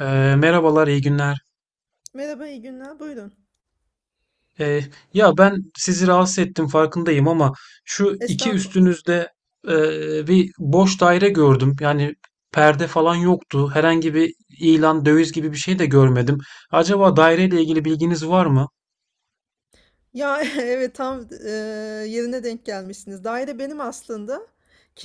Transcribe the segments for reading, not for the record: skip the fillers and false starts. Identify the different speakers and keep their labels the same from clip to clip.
Speaker 1: Ee, Merhabalar, iyi günler.
Speaker 2: Merhaba, iyi günler. Buyurun.
Speaker 1: Ee, Ya ben sizi rahatsız ettim, farkındayım, ama şu iki
Speaker 2: Estağfurullah.
Speaker 1: üstünüzde e, bir boş daire gördüm. Yani perde falan yoktu. Herhangi bir ilan, döviz gibi bir şey de görmedim. Acaba daireyle ilgili bilginiz var mı?
Speaker 2: Ya evet tam yerine denk gelmişsiniz. Daire benim aslında.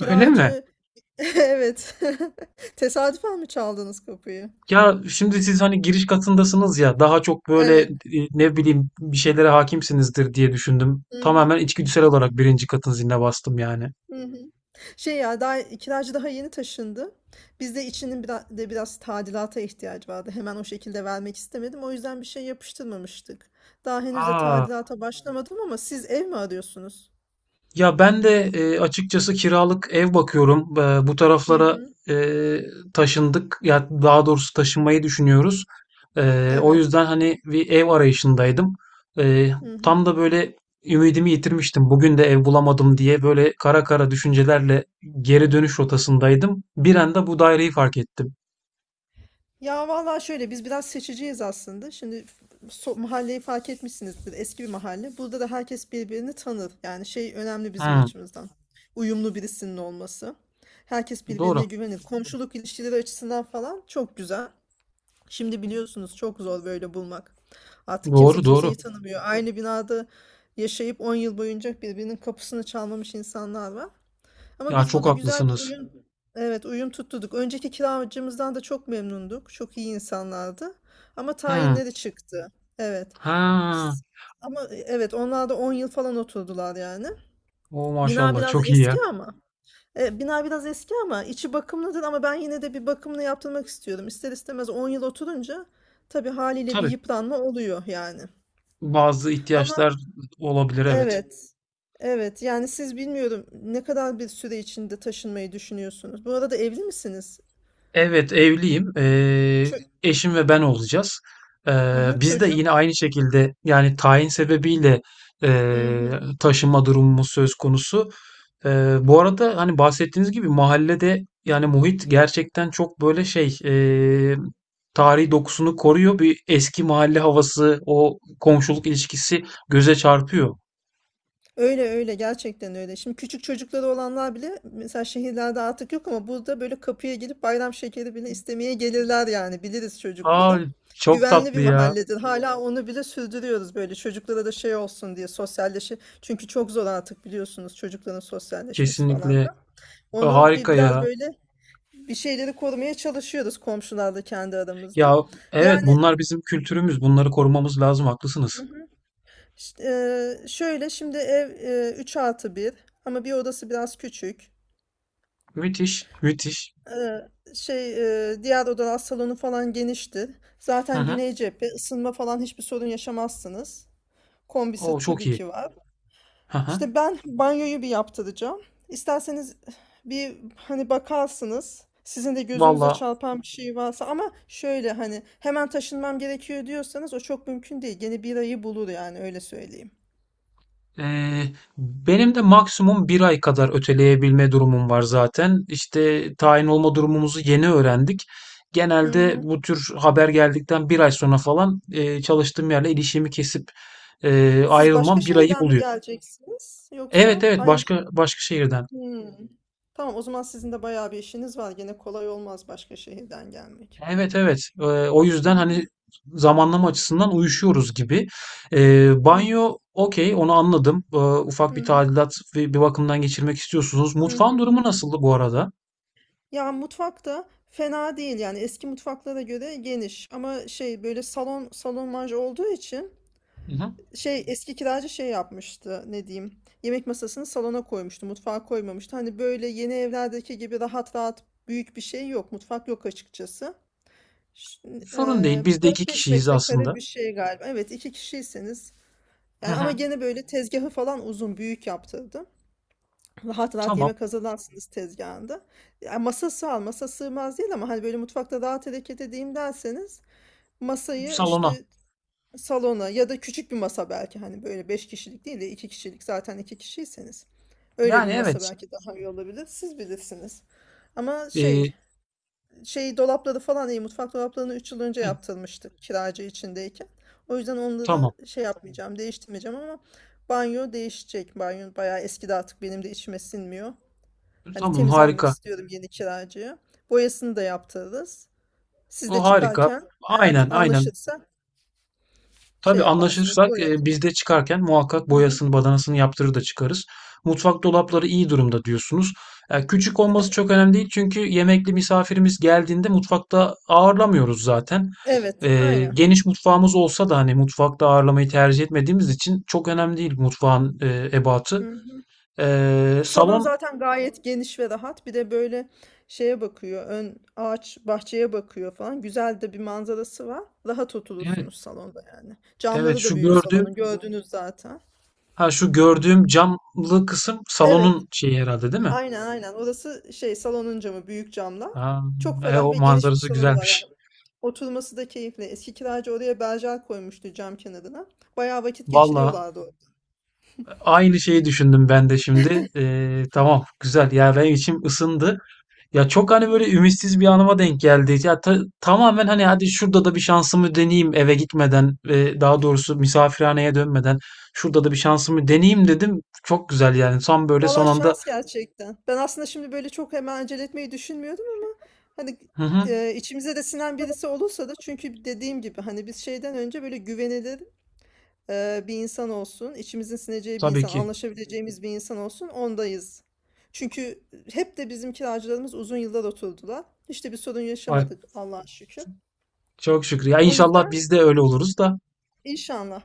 Speaker 1: Öyle mi?
Speaker 2: evet. Tesadüfen mi çaldınız kapıyı?
Speaker 1: Ya şimdi siz hani giriş katındasınız ya, daha çok böyle
Speaker 2: Evet.
Speaker 1: ne bileyim bir şeylere hakimsinizdir diye düşündüm.
Speaker 2: Hı hı.
Speaker 1: Tamamen içgüdüsel olarak birinci katın ziline bastım yani.
Speaker 2: Hı hı. Şey ya daha kiracı daha yeni taşındı. Biz de içinin biraz tadilata ihtiyacı vardı. Hemen o şekilde vermek istemedim. O yüzden bir şey yapıştırmamıştık. Daha henüz de
Speaker 1: Aa,
Speaker 2: tadilata başlamadım ama siz ev mi arıyorsunuz?
Speaker 1: ya ben de açıkçası kiralık ev bakıyorum. Bu
Speaker 2: Hı
Speaker 1: taraflara
Speaker 2: hı.
Speaker 1: e, taşındık. Ya daha doğrusu taşınmayı düşünüyoruz. O
Speaker 2: Evet.
Speaker 1: yüzden hani bir ev arayışındaydım. E,
Speaker 2: Hı
Speaker 1: Tam
Speaker 2: hı.
Speaker 1: da böyle ümidimi yitirmiştim. Bugün de ev bulamadım diye böyle kara kara düşüncelerle geri dönüş rotasındaydım. Bir anda bu daireyi fark ettim.
Speaker 2: Ya vallahi şöyle biz biraz seçiciyiz aslında. Şimdi mahalleyi fark etmişsinizdir. Eski bir mahalle. Burada da herkes birbirini tanır. Yani şey önemli bizim
Speaker 1: Hmm,
Speaker 2: açımızdan. Uyumlu birisinin olması. Herkes birbirine
Speaker 1: doğru.
Speaker 2: güvenir. Komşuluk ilişkileri açısından falan çok güzel. Şimdi biliyorsunuz çok zor böyle bulmak. Artık kimse
Speaker 1: Doğru, doğru.
Speaker 2: kimseyi tanımıyor. Aynı binada yaşayıp 10 yıl boyunca birbirinin kapısını çalmamış insanlar var. Ama
Speaker 1: Ya,
Speaker 2: biz
Speaker 1: çok
Speaker 2: burada güzel bir
Speaker 1: haklısınız.
Speaker 2: uyum, evet uyum tutturduk. Önceki kiracımızdan da çok memnunduk. Çok iyi insanlardı. Ama
Speaker 1: Hmm.
Speaker 2: tayinleri çıktı. Evet.
Speaker 1: Ha,
Speaker 2: S- Ama evet onlar da 10 yıl falan oturdular yani.
Speaker 1: o
Speaker 2: Bina
Speaker 1: maşallah,
Speaker 2: biraz
Speaker 1: çok iyi
Speaker 2: eski
Speaker 1: ya.
Speaker 2: ama. Bina biraz eski ama içi bakımlıdır ama ben yine de bir bakımını yaptırmak istiyorum. İster istemez 10 yıl oturunca tabii haliyle bir
Speaker 1: Tabii,
Speaker 2: yıpranma oluyor yani.
Speaker 1: bazı
Speaker 2: Ama
Speaker 1: ihtiyaçlar olabilir, evet.
Speaker 2: evet. Evet yani siz bilmiyorum ne kadar bir süre içinde taşınmayı düşünüyorsunuz. Bu arada evli misiniz?
Speaker 1: Evet, evliyim.
Speaker 2: Çö
Speaker 1: Eşim ve ben olacağız.
Speaker 2: Aha
Speaker 1: Biz de
Speaker 2: çocuk.
Speaker 1: yine aynı şekilde, yani tayin sebebiyle
Speaker 2: Hı hı.
Speaker 1: taşınma durumumuz söz konusu. Bu arada hani, bahsettiğiniz gibi mahallede, yani muhit gerçekten çok böyle şey tarihi dokusunu koruyor. Bir eski mahalle havası, o komşuluk ilişkisi göze çarpıyor.
Speaker 2: Öyle öyle gerçekten öyle. Şimdi küçük çocukları olanlar bile mesela şehirlerde artık yok ama burada böyle kapıya gelip bayram şekeri bile istemeye gelirler yani biliriz
Speaker 1: Aa,
Speaker 2: çocukları.
Speaker 1: çok
Speaker 2: Güvenli
Speaker 1: tatlı
Speaker 2: bir
Speaker 1: ya.
Speaker 2: mahalledir. Hala onu bile sürdürüyoruz böyle çocuklara da şey olsun diye sosyalleşi. Çünkü çok zor artık biliyorsunuz çocukların sosyalleşmesi falan
Speaker 1: Kesinlikle.
Speaker 2: da. Onu bir
Speaker 1: Harika
Speaker 2: biraz
Speaker 1: ya.
Speaker 2: böyle bir şeyleri korumaya çalışıyoruz komşularla kendi aramızda.
Speaker 1: Ya evet,
Speaker 2: Yani
Speaker 1: bunlar bizim kültürümüz. Bunları korumamız lazım. Haklısınız.
Speaker 2: Şöyle şimdi ev 3+1 ama bir odası biraz küçük.
Speaker 1: Müthiş, müthiş.
Speaker 2: Eee, şey diğer odalar salonu falan geniştir.
Speaker 1: Hı
Speaker 2: Zaten
Speaker 1: hı.
Speaker 2: güney cephe ısınma falan hiçbir sorun yaşamazsınız. Kombisi
Speaker 1: O çok
Speaker 2: tabii
Speaker 1: iyi.
Speaker 2: ki var.
Speaker 1: Hı hı.
Speaker 2: İşte ben banyoyu bir yaptıracağım. İsterseniz bir hani bakarsınız. Sizin de gözünüze
Speaker 1: Valla,
Speaker 2: çarpan bir şey varsa ama şöyle hani hemen taşınmam gerekiyor diyorsanız o çok mümkün değil. Gene bir ayı bulur yani öyle söyleyeyim.
Speaker 1: eee, benim de maksimum bir ay kadar öteleyebilme durumum var zaten. İşte tayin olma durumumuzu yeni öğrendik.
Speaker 2: Hı
Speaker 1: Genelde
Speaker 2: hı.
Speaker 1: bu tür haber geldikten bir ay sonra falan çalıştığım yerle ilişkimi kesip
Speaker 2: Siz başka
Speaker 1: ayrılmam bir ayı
Speaker 2: şehirden mi
Speaker 1: buluyor.
Speaker 2: geleceksiniz
Speaker 1: Evet,
Speaker 2: yoksa
Speaker 1: evet,
Speaker 2: aynı şey?
Speaker 1: başka başka şehirden.
Speaker 2: Hmm. Tamam o zaman sizin de bayağı bir işiniz var. Gene kolay olmaz başka şehirden gelmek.
Speaker 1: Evet, evet. O
Speaker 2: Hı
Speaker 1: yüzden hani
Speaker 2: hı,
Speaker 1: zamanlama açısından uyuşuyoruz gibi.
Speaker 2: hı
Speaker 1: Banyo okey, onu anladım. Ufak bir
Speaker 2: hı,
Speaker 1: tadilat ve bir bakımdan geçirmek istiyorsunuz.
Speaker 2: hı
Speaker 1: Mutfağın
Speaker 2: hı.
Speaker 1: durumu nasıldı bu arada?
Speaker 2: Ya mutfakta fena değil yani eski mutfaklara göre geniş ama şey böyle salon manja olduğu için
Speaker 1: Hı hı.
Speaker 2: şey eski kiracı şey yapmıştı ne diyeyim, yemek masasını salona koymuştu, mutfağa koymamıştı. Hani böyle yeni evlerdeki gibi rahat rahat büyük bir şey yok, mutfak yok açıkçası. Ş-
Speaker 1: Sorun değil. Biz de iki
Speaker 2: 4-5
Speaker 1: kişiyiz aslında.
Speaker 2: metrekare bir şey galiba. Evet, iki kişiyseniz.
Speaker 1: Hı
Speaker 2: Yani ama
Speaker 1: hı.
Speaker 2: gene böyle tezgahı falan uzun büyük yaptırdım. Rahat rahat
Speaker 1: Tamam.
Speaker 2: yemek hazırlarsınız tezgahında. Yani masası al masa sığmaz değil ama hani böyle mutfakta rahat hareket edeyim derseniz masayı
Speaker 1: Salona.
Speaker 2: işte salona ya da küçük bir masa, belki hani böyle 5 kişilik değil de 2 kişilik, zaten 2 kişiyseniz. Öyle bir
Speaker 1: Yani
Speaker 2: masa
Speaker 1: evet.
Speaker 2: belki daha iyi olabilir. Siz bilirsiniz. Ama şey,
Speaker 1: Ee,
Speaker 2: dolapları falan iyi, mutfak dolaplarını 3 yıl önce
Speaker 1: hı,
Speaker 2: yaptırmıştık kiracı içindeyken. O yüzden
Speaker 1: tamam.
Speaker 2: onları şey yapmayacağım, değiştirmeyeceğim ama banyo değişecek. Banyo bayağı eskidi, artık benim de içime sinmiyor. Hani
Speaker 1: Tamam,
Speaker 2: temiz vermek
Speaker 1: harika.
Speaker 2: istiyorum yeni kiracıya. Boyasını da yaptırırız. Siz de
Speaker 1: O harika.
Speaker 2: çıkarken eğer
Speaker 1: Aynen, aynen.
Speaker 2: anlaşırsa şey
Speaker 1: Tabii,
Speaker 2: yaparsınız,
Speaker 1: anlaşırsak
Speaker 2: boyatın.
Speaker 1: biz de çıkarken muhakkak
Speaker 2: Hı hı.
Speaker 1: boyasını, badanasını yaptırır da çıkarız. Mutfak dolapları iyi durumda diyorsunuz. Küçük olması çok önemli değil çünkü yemekli misafirimiz geldiğinde mutfakta ağırlamıyoruz zaten.
Speaker 2: Evet, aynen.
Speaker 1: Geniş mutfağımız olsa da hani, mutfakta ağırlamayı tercih etmediğimiz için çok önemli değil mutfağın ebatı.
Speaker 2: Hı. Salon
Speaker 1: Salon,
Speaker 2: zaten gayet geniş ve rahat. Bir de böyle şeye bakıyor. Ön ağaç bahçeye bakıyor falan. Güzel de bir manzarası var. Rahat
Speaker 1: evet,
Speaker 2: oturursunuz salonda yani.
Speaker 1: evet,
Speaker 2: Camları da
Speaker 1: şu
Speaker 2: büyük
Speaker 1: gördüğüm,
Speaker 2: salonun. Gördünüz zaten.
Speaker 1: ha şu gördüğüm camlı kısım
Speaker 2: Evet.
Speaker 1: salonun şeyi herhalde değil mi?
Speaker 2: Aynen aynen. Orası şey, salonun camı, büyük camlar.
Speaker 1: Ha,
Speaker 2: Çok ferah
Speaker 1: o
Speaker 2: ve geniş bir
Speaker 1: manzarası
Speaker 2: salonu var yani.
Speaker 1: güzelmiş.
Speaker 2: Oturması da keyifli. Eski kiracı oraya berjer koymuştu cam kenarına. Bayağı vakit
Speaker 1: Valla,
Speaker 2: geçiriyorlardı orada.
Speaker 1: aynı şeyi düşündüm ben de şimdi. Tamam, güzel ya, benim içim ısındı. Ya çok hani
Speaker 2: Mhm.
Speaker 1: böyle ümitsiz bir anıma denk geldi. Ya tamamen hani, hadi şurada da bir şansımı deneyeyim eve gitmeden ve daha doğrusu misafirhaneye dönmeden şurada da bir şansımı deneyeyim dedim. Çok güzel yani, son böyle son
Speaker 2: Valla
Speaker 1: anda.
Speaker 2: şans gerçekten. Ben aslında şimdi böyle çok hemen acele etmeyi düşünmüyordum ama hani
Speaker 1: Hı hı,
Speaker 2: içimize de sinen birisi olursa da, çünkü dediğim gibi hani biz şeyden önce böyle güvenilir bir insan olsun, içimizin sineceği bir
Speaker 1: tabii
Speaker 2: insan,
Speaker 1: ki.
Speaker 2: anlaşabileceğimiz bir insan olsun ondayız. Çünkü hep de bizim kiracılarımız uzun yıllar oturdular. Hiç de bir sorun
Speaker 1: Ay,
Speaker 2: yaşamadık Allah'a şükür.
Speaker 1: çok şükür. Ya
Speaker 2: O
Speaker 1: inşallah
Speaker 2: yüzden
Speaker 1: biz de öyle oluruz da.
Speaker 2: inşallah,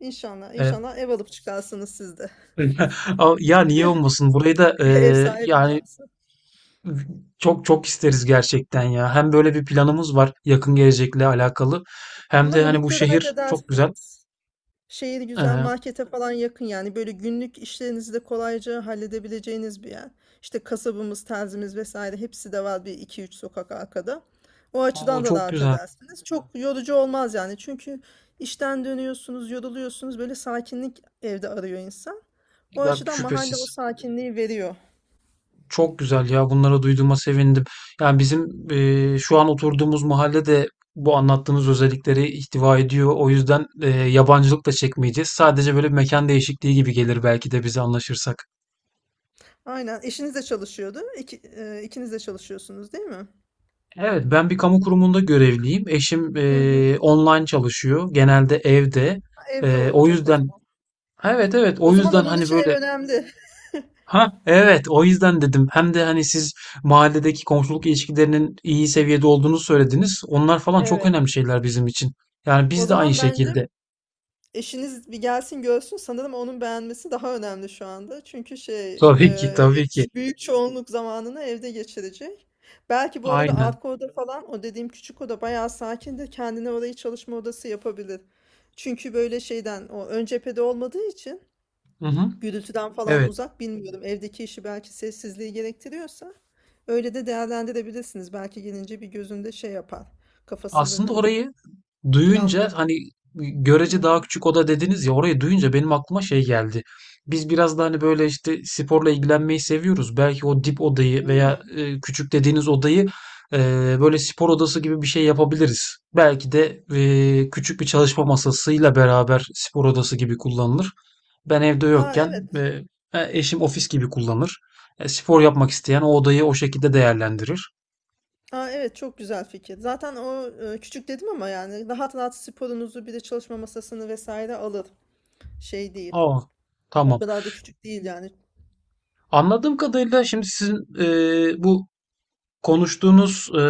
Speaker 2: inşallah,
Speaker 1: Ee,
Speaker 2: inşallah ev alıp çıkarsınız siz de.
Speaker 1: Ama ya, niye olmasın? Burayı da
Speaker 2: Ev sahibi
Speaker 1: yani,
Speaker 2: duası.
Speaker 1: çok çok isteriz gerçekten ya. Hem böyle bir planımız var yakın gelecekle alakalı. Hem
Speaker 2: Ama
Speaker 1: de hani bu
Speaker 2: muhitte rahat
Speaker 1: şehir çok güzel.
Speaker 2: edersiniz. Şehir güzel,
Speaker 1: Ee,
Speaker 2: markete falan yakın, yani böyle günlük işlerinizi de kolayca halledebileceğiniz bir yer. İşte kasabımız, terzimiz vesaire hepsi de var bir iki üç sokak arkada. O
Speaker 1: O
Speaker 2: açıdan da
Speaker 1: çok
Speaker 2: rahat
Speaker 1: güzel.
Speaker 2: edersiniz. Çok yorucu olmaz yani, çünkü işten dönüyorsunuz, yoruluyorsunuz, böyle sakinlik evde arıyor insan. O
Speaker 1: Ya
Speaker 2: açıdan mahalle o
Speaker 1: şüphesiz.
Speaker 2: sakinliği veriyor.
Speaker 1: Çok güzel ya. Bunları duyduğuma sevindim. Yani bizim şu an oturduğumuz mahalle de bu anlattığınız özellikleri ihtiva ediyor. O yüzden yabancılık da çekmeyeceğiz. Sadece böyle bir mekan değişikliği gibi gelir belki de bize, anlaşırsak.
Speaker 2: Aynen, eşiniz de çalışıyordu. İkiniz de çalışıyorsunuz değil mi?
Speaker 1: Evet, ben bir kamu kurumunda görevliyim. Eşim
Speaker 2: Hı hı.
Speaker 1: online çalışıyor. Genelde evde.
Speaker 2: Evde
Speaker 1: O
Speaker 2: olacak o
Speaker 1: yüzden,
Speaker 2: zaman.
Speaker 1: evet evet, o
Speaker 2: O zaman
Speaker 1: yüzden
Speaker 2: onun
Speaker 1: hani
Speaker 2: için ev
Speaker 1: böyle,
Speaker 2: önemli.
Speaker 1: ha evet, o yüzden dedim. Hem de hani siz mahalledeki komşuluk ilişkilerinin iyi seviyede olduğunu söylediniz. Onlar falan çok
Speaker 2: Evet.
Speaker 1: önemli şeyler bizim için. Yani
Speaker 2: O
Speaker 1: biz de aynı
Speaker 2: zaman bence
Speaker 1: şekilde.
Speaker 2: eşiniz bir gelsin görsün. Sanırım onun beğenmesi daha önemli şu anda. Çünkü şey,
Speaker 1: Tabii ki, tabii ki.
Speaker 2: büyük çoğunluk zamanını evde geçirecek. Belki bu arada
Speaker 1: Aynen.
Speaker 2: arka oda falan, o dediğim küçük oda, bayağı sakin, de kendine orayı çalışma odası yapabilir. Çünkü böyle şeyden, o ön cephede olmadığı için
Speaker 1: Hı hı.
Speaker 2: gürültüden falan
Speaker 1: Evet.
Speaker 2: uzak, bilmiyorum, evdeki işi belki sessizliği gerektiriyorsa öyle de değerlendirebilirsiniz. Belki gelince bir gözünde şey yapar, kafasından
Speaker 1: Aslında
Speaker 2: hani
Speaker 1: orayı duyunca
Speaker 2: planlar.
Speaker 1: hani,
Speaker 2: Hı
Speaker 1: görece daha
Speaker 2: hı.
Speaker 1: küçük oda dediniz ya, orayı duyunca benim aklıma şey geldi. Biz biraz da hani böyle işte sporla ilgilenmeyi seviyoruz. Belki o dip odayı veya
Speaker 2: Hmm.
Speaker 1: küçük dediğiniz odayı e, böyle spor odası gibi bir şey yapabiliriz. Belki de küçük bir çalışma masasıyla beraber spor odası gibi kullanılır. Ben evde
Speaker 2: Aa,
Speaker 1: yokken e,
Speaker 2: evet.
Speaker 1: eşim ofis gibi kullanır. Spor yapmak isteyen o odayı o şekilde değerlendirir.
Speaker 2: Aa, evet çok güzel fikir. Zaten o küçük dedim ama yani rahat rahat sporunuzu bir de çalışma masasını vesaire alır. Şey değil.
Speaker 1: Aa,
Speaker 2: O
Speaker 1: tamam.
Speaker 2: kadar da küçük değil yani.
Speaker 1: Anladığım kadarıyla şimdi sizin bu konuştuğunuz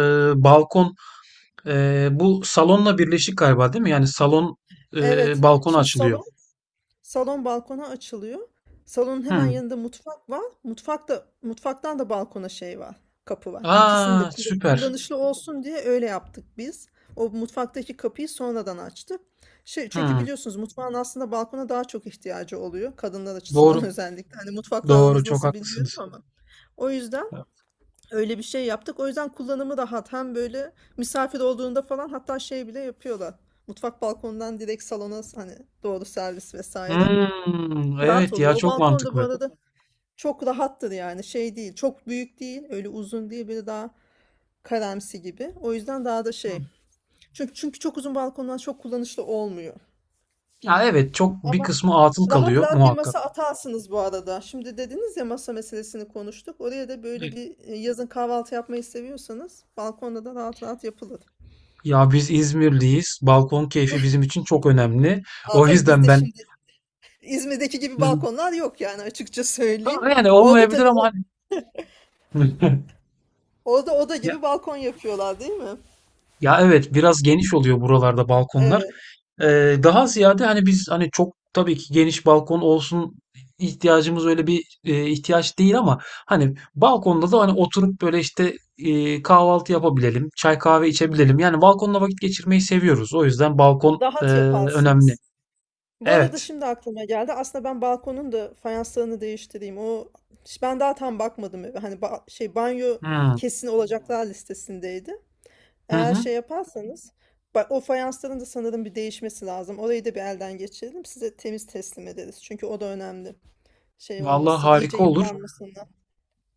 Speaker 1: balkon, bu salonla birleşik galiba, değil mi? Yani salon
Speaker 2: Evet.
Speaker 1: balkona
Speaker 2: Şimdi
Speaker 1: açılıyor.
Speaker 2: salon balkona açılıyor. Salonun hemen
Speaker 1: Hmm.
Speaker 2: yanında mutfak var. Mutfaktan da balkona şey var. Kapı var. İkisini de
Speaker 1: Aa, süper.
Speaker 2: kullanışlı olsun diye öyle yaptık biz. O mutfaktaki kapıyı sonradan açtık. Şey, çünkü
Speaker 1: Hmm.
Speaker 2: biliyorsunuz mutfağın aslında balkona daha çok ihtiyacı oluyor. Kadınlar açısından
Speaker 1: Doğru.
Speaker 2: özellikle. Hani mutfakla
Speaker 1: Doğru.
Speaker 2: aranız
Speaker 1: Çok
Speaker 2: nasıl bilmiyorum
Speaker 1: haklısınız.
Speaker 2: ama. O yüzden öyle bir şey yaptık. O yüzden kullanımı rahat. Hem böyle misafir olduğunda falan hatta şey bile yapıyorlar. Mutfak balkonundan direkt salona hani doğru servis vesaire.
Speaker 1: Hmm.
Speaker 2: Rahat
Speaker 1: Evet ya,
Speaker 2: oluyor. O
Speaker 1: çok
Speaker 2: balkon da bu
Speaker 1: mantıklı.
Speaker 2: arada çok rahattır yani. Şey değil. Çok büyük değil. Öyle uzun değil. Böyle daha karamsi gibi. O yüzden daha da
Speaker 1: Hmm.
Speaker 2: şey. Çünkü çok uzun balkonlar çok kullanışlı olmuyor.
Speaker 1: Ya evet, çok bir
Speaker 2: Ama
Speaker 1: kısmı atıl
Speaker 2: rahat
Speaker 1: kalıyor
Speaker 2: rahat bir
Speaker 1: muhakkak.
Speaker 2: masa atarsınız bu arada. Şimdi dediniz ya masa meselesini konuştuk. Oraya da böyle
Speaker 1: Evet.
Speaker 2: bir yazın kahvaltı yapmayı seviyorsanız balkonda da rahat rahat yapılır.
Speaker 1: Ya biz İzmirliyiz. Balkon keyfi bizim için çok önemli.
Speaker 2: Aa,
Speaker 1: O
Speaker 2: tabii
Speaker 1: yüzden
Speaker 2: bizde
Speaker 1: ben.
Speaker 2: şimdi İzmir'deki gibi
Speaker 1: Hmm.
Speaker 2: balkonlar yok yani, açıkça söyleyeyim.
Speaker 1: Ha, yani
Speaker 2: Orada
Speaker 1: olmayabilir
Speaker 2: tabii
Speaker 1: ama hani
Speaker 2: orada oda
Speaker 1: Ya,
Speaker 2: gibi balkon yapıyorlar değil mi?
Speaker 1: ya, evet biraz geniş oluyor buralarda balkonlar.
Speaker 2: Evet.
Speaker 1: Daha ziyade hani biz hani çok tabii ki geniş balkon olsun, ihtiyacımız öyle bir ihtiyaç değil ama hani balkonda da hani oturup böyle işte kahvaltı yapabilelim, çay kahve içebilelim. Yani balkonda vakit geçirmeyi seviyoruz. O yüzden balkon
Speaker 2: Rahat
Speaker 1: önemli.
Speaker 2: yaparsınız. Bu arada
Speaker 1: Evet.
Speaker 2: şimdi aklıma geldi. Aslında ben balkonun da fayanslarını değiştireyim. O, ben daha tam bakmadım eve. Hani şey, banyo
Speaker 1: Hmm.
Speaker 2: kesin olacaklar listesindeydi.
Speaker 1: Hı
Speaker 2: Eğer
Speaker 1: hı.
Speaker 2: şey yaparsanız, bak, o fayansların da sanırım bir değişmesi lazım. Orayı da bir elden geçirelim. Size temiz teslim ederiz. Çünkü o da önemli. Şey
Speaker 1: Vallahi
Speaker 2: olmasın, iyice
Speaker 1: harika olur.
Speaker 2: yıpranmasınlar.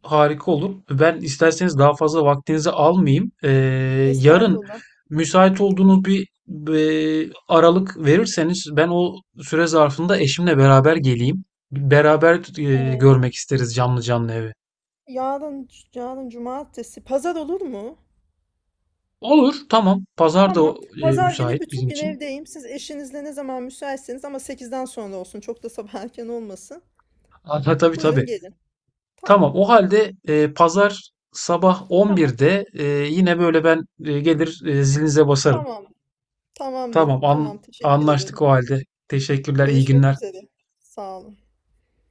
Speaker 1: Harika olur. Ben isterseniz daha fazla vaktinizi almayayım. Yarın
Speaker 2: Estağfurullah.
Speaker 1: müsait olduğunuz bir aralık verirseniz ben o süre zarfında eşimle beraber geleyim. Beraber
Speaker 2: Ee,
Speaker 1: görmek isteriz canlı canlı evi.
Speaker 2: yarın, yarın cumartesi, pazar olur mu?
Speaker 1: Olur, tamam. Pazar da
Speaker 2: Tamam. Pazar günü
Speaker 1: müsait
Speaker 2: bütün
Speaker 1: bizim
Speaker 2: gün
Speaker 1: için.
Speaker 2: evdeyim. Siz eşinizle ne zaman müsaitseniz, ama 8'den sonra olsun. Çok da sabah erken olmasın.
Speaker 1: Ha, tabii tabii.
Speaker 2: Buyurun gelin. Tamam.
Speaker 1: Tamam. O halde pazar sabah
Speaker 2: Tamam.
Speaker 1: 11'de, yine böyle ben gelir, zilinize basarım.
Speaker 2: Tamam. Tamamdır.
Speaker 1: Tamam,
Speaker 2: Tamam. Teşekkür
Speaker 1: anlaştık
Speaker 2: ederim.
Speaker 1: o halde. Teşekkürler, iyi
Speaker 2: Görüşmek
Speaker 1: günler.
Speaker 2: üzere. Sağ olun.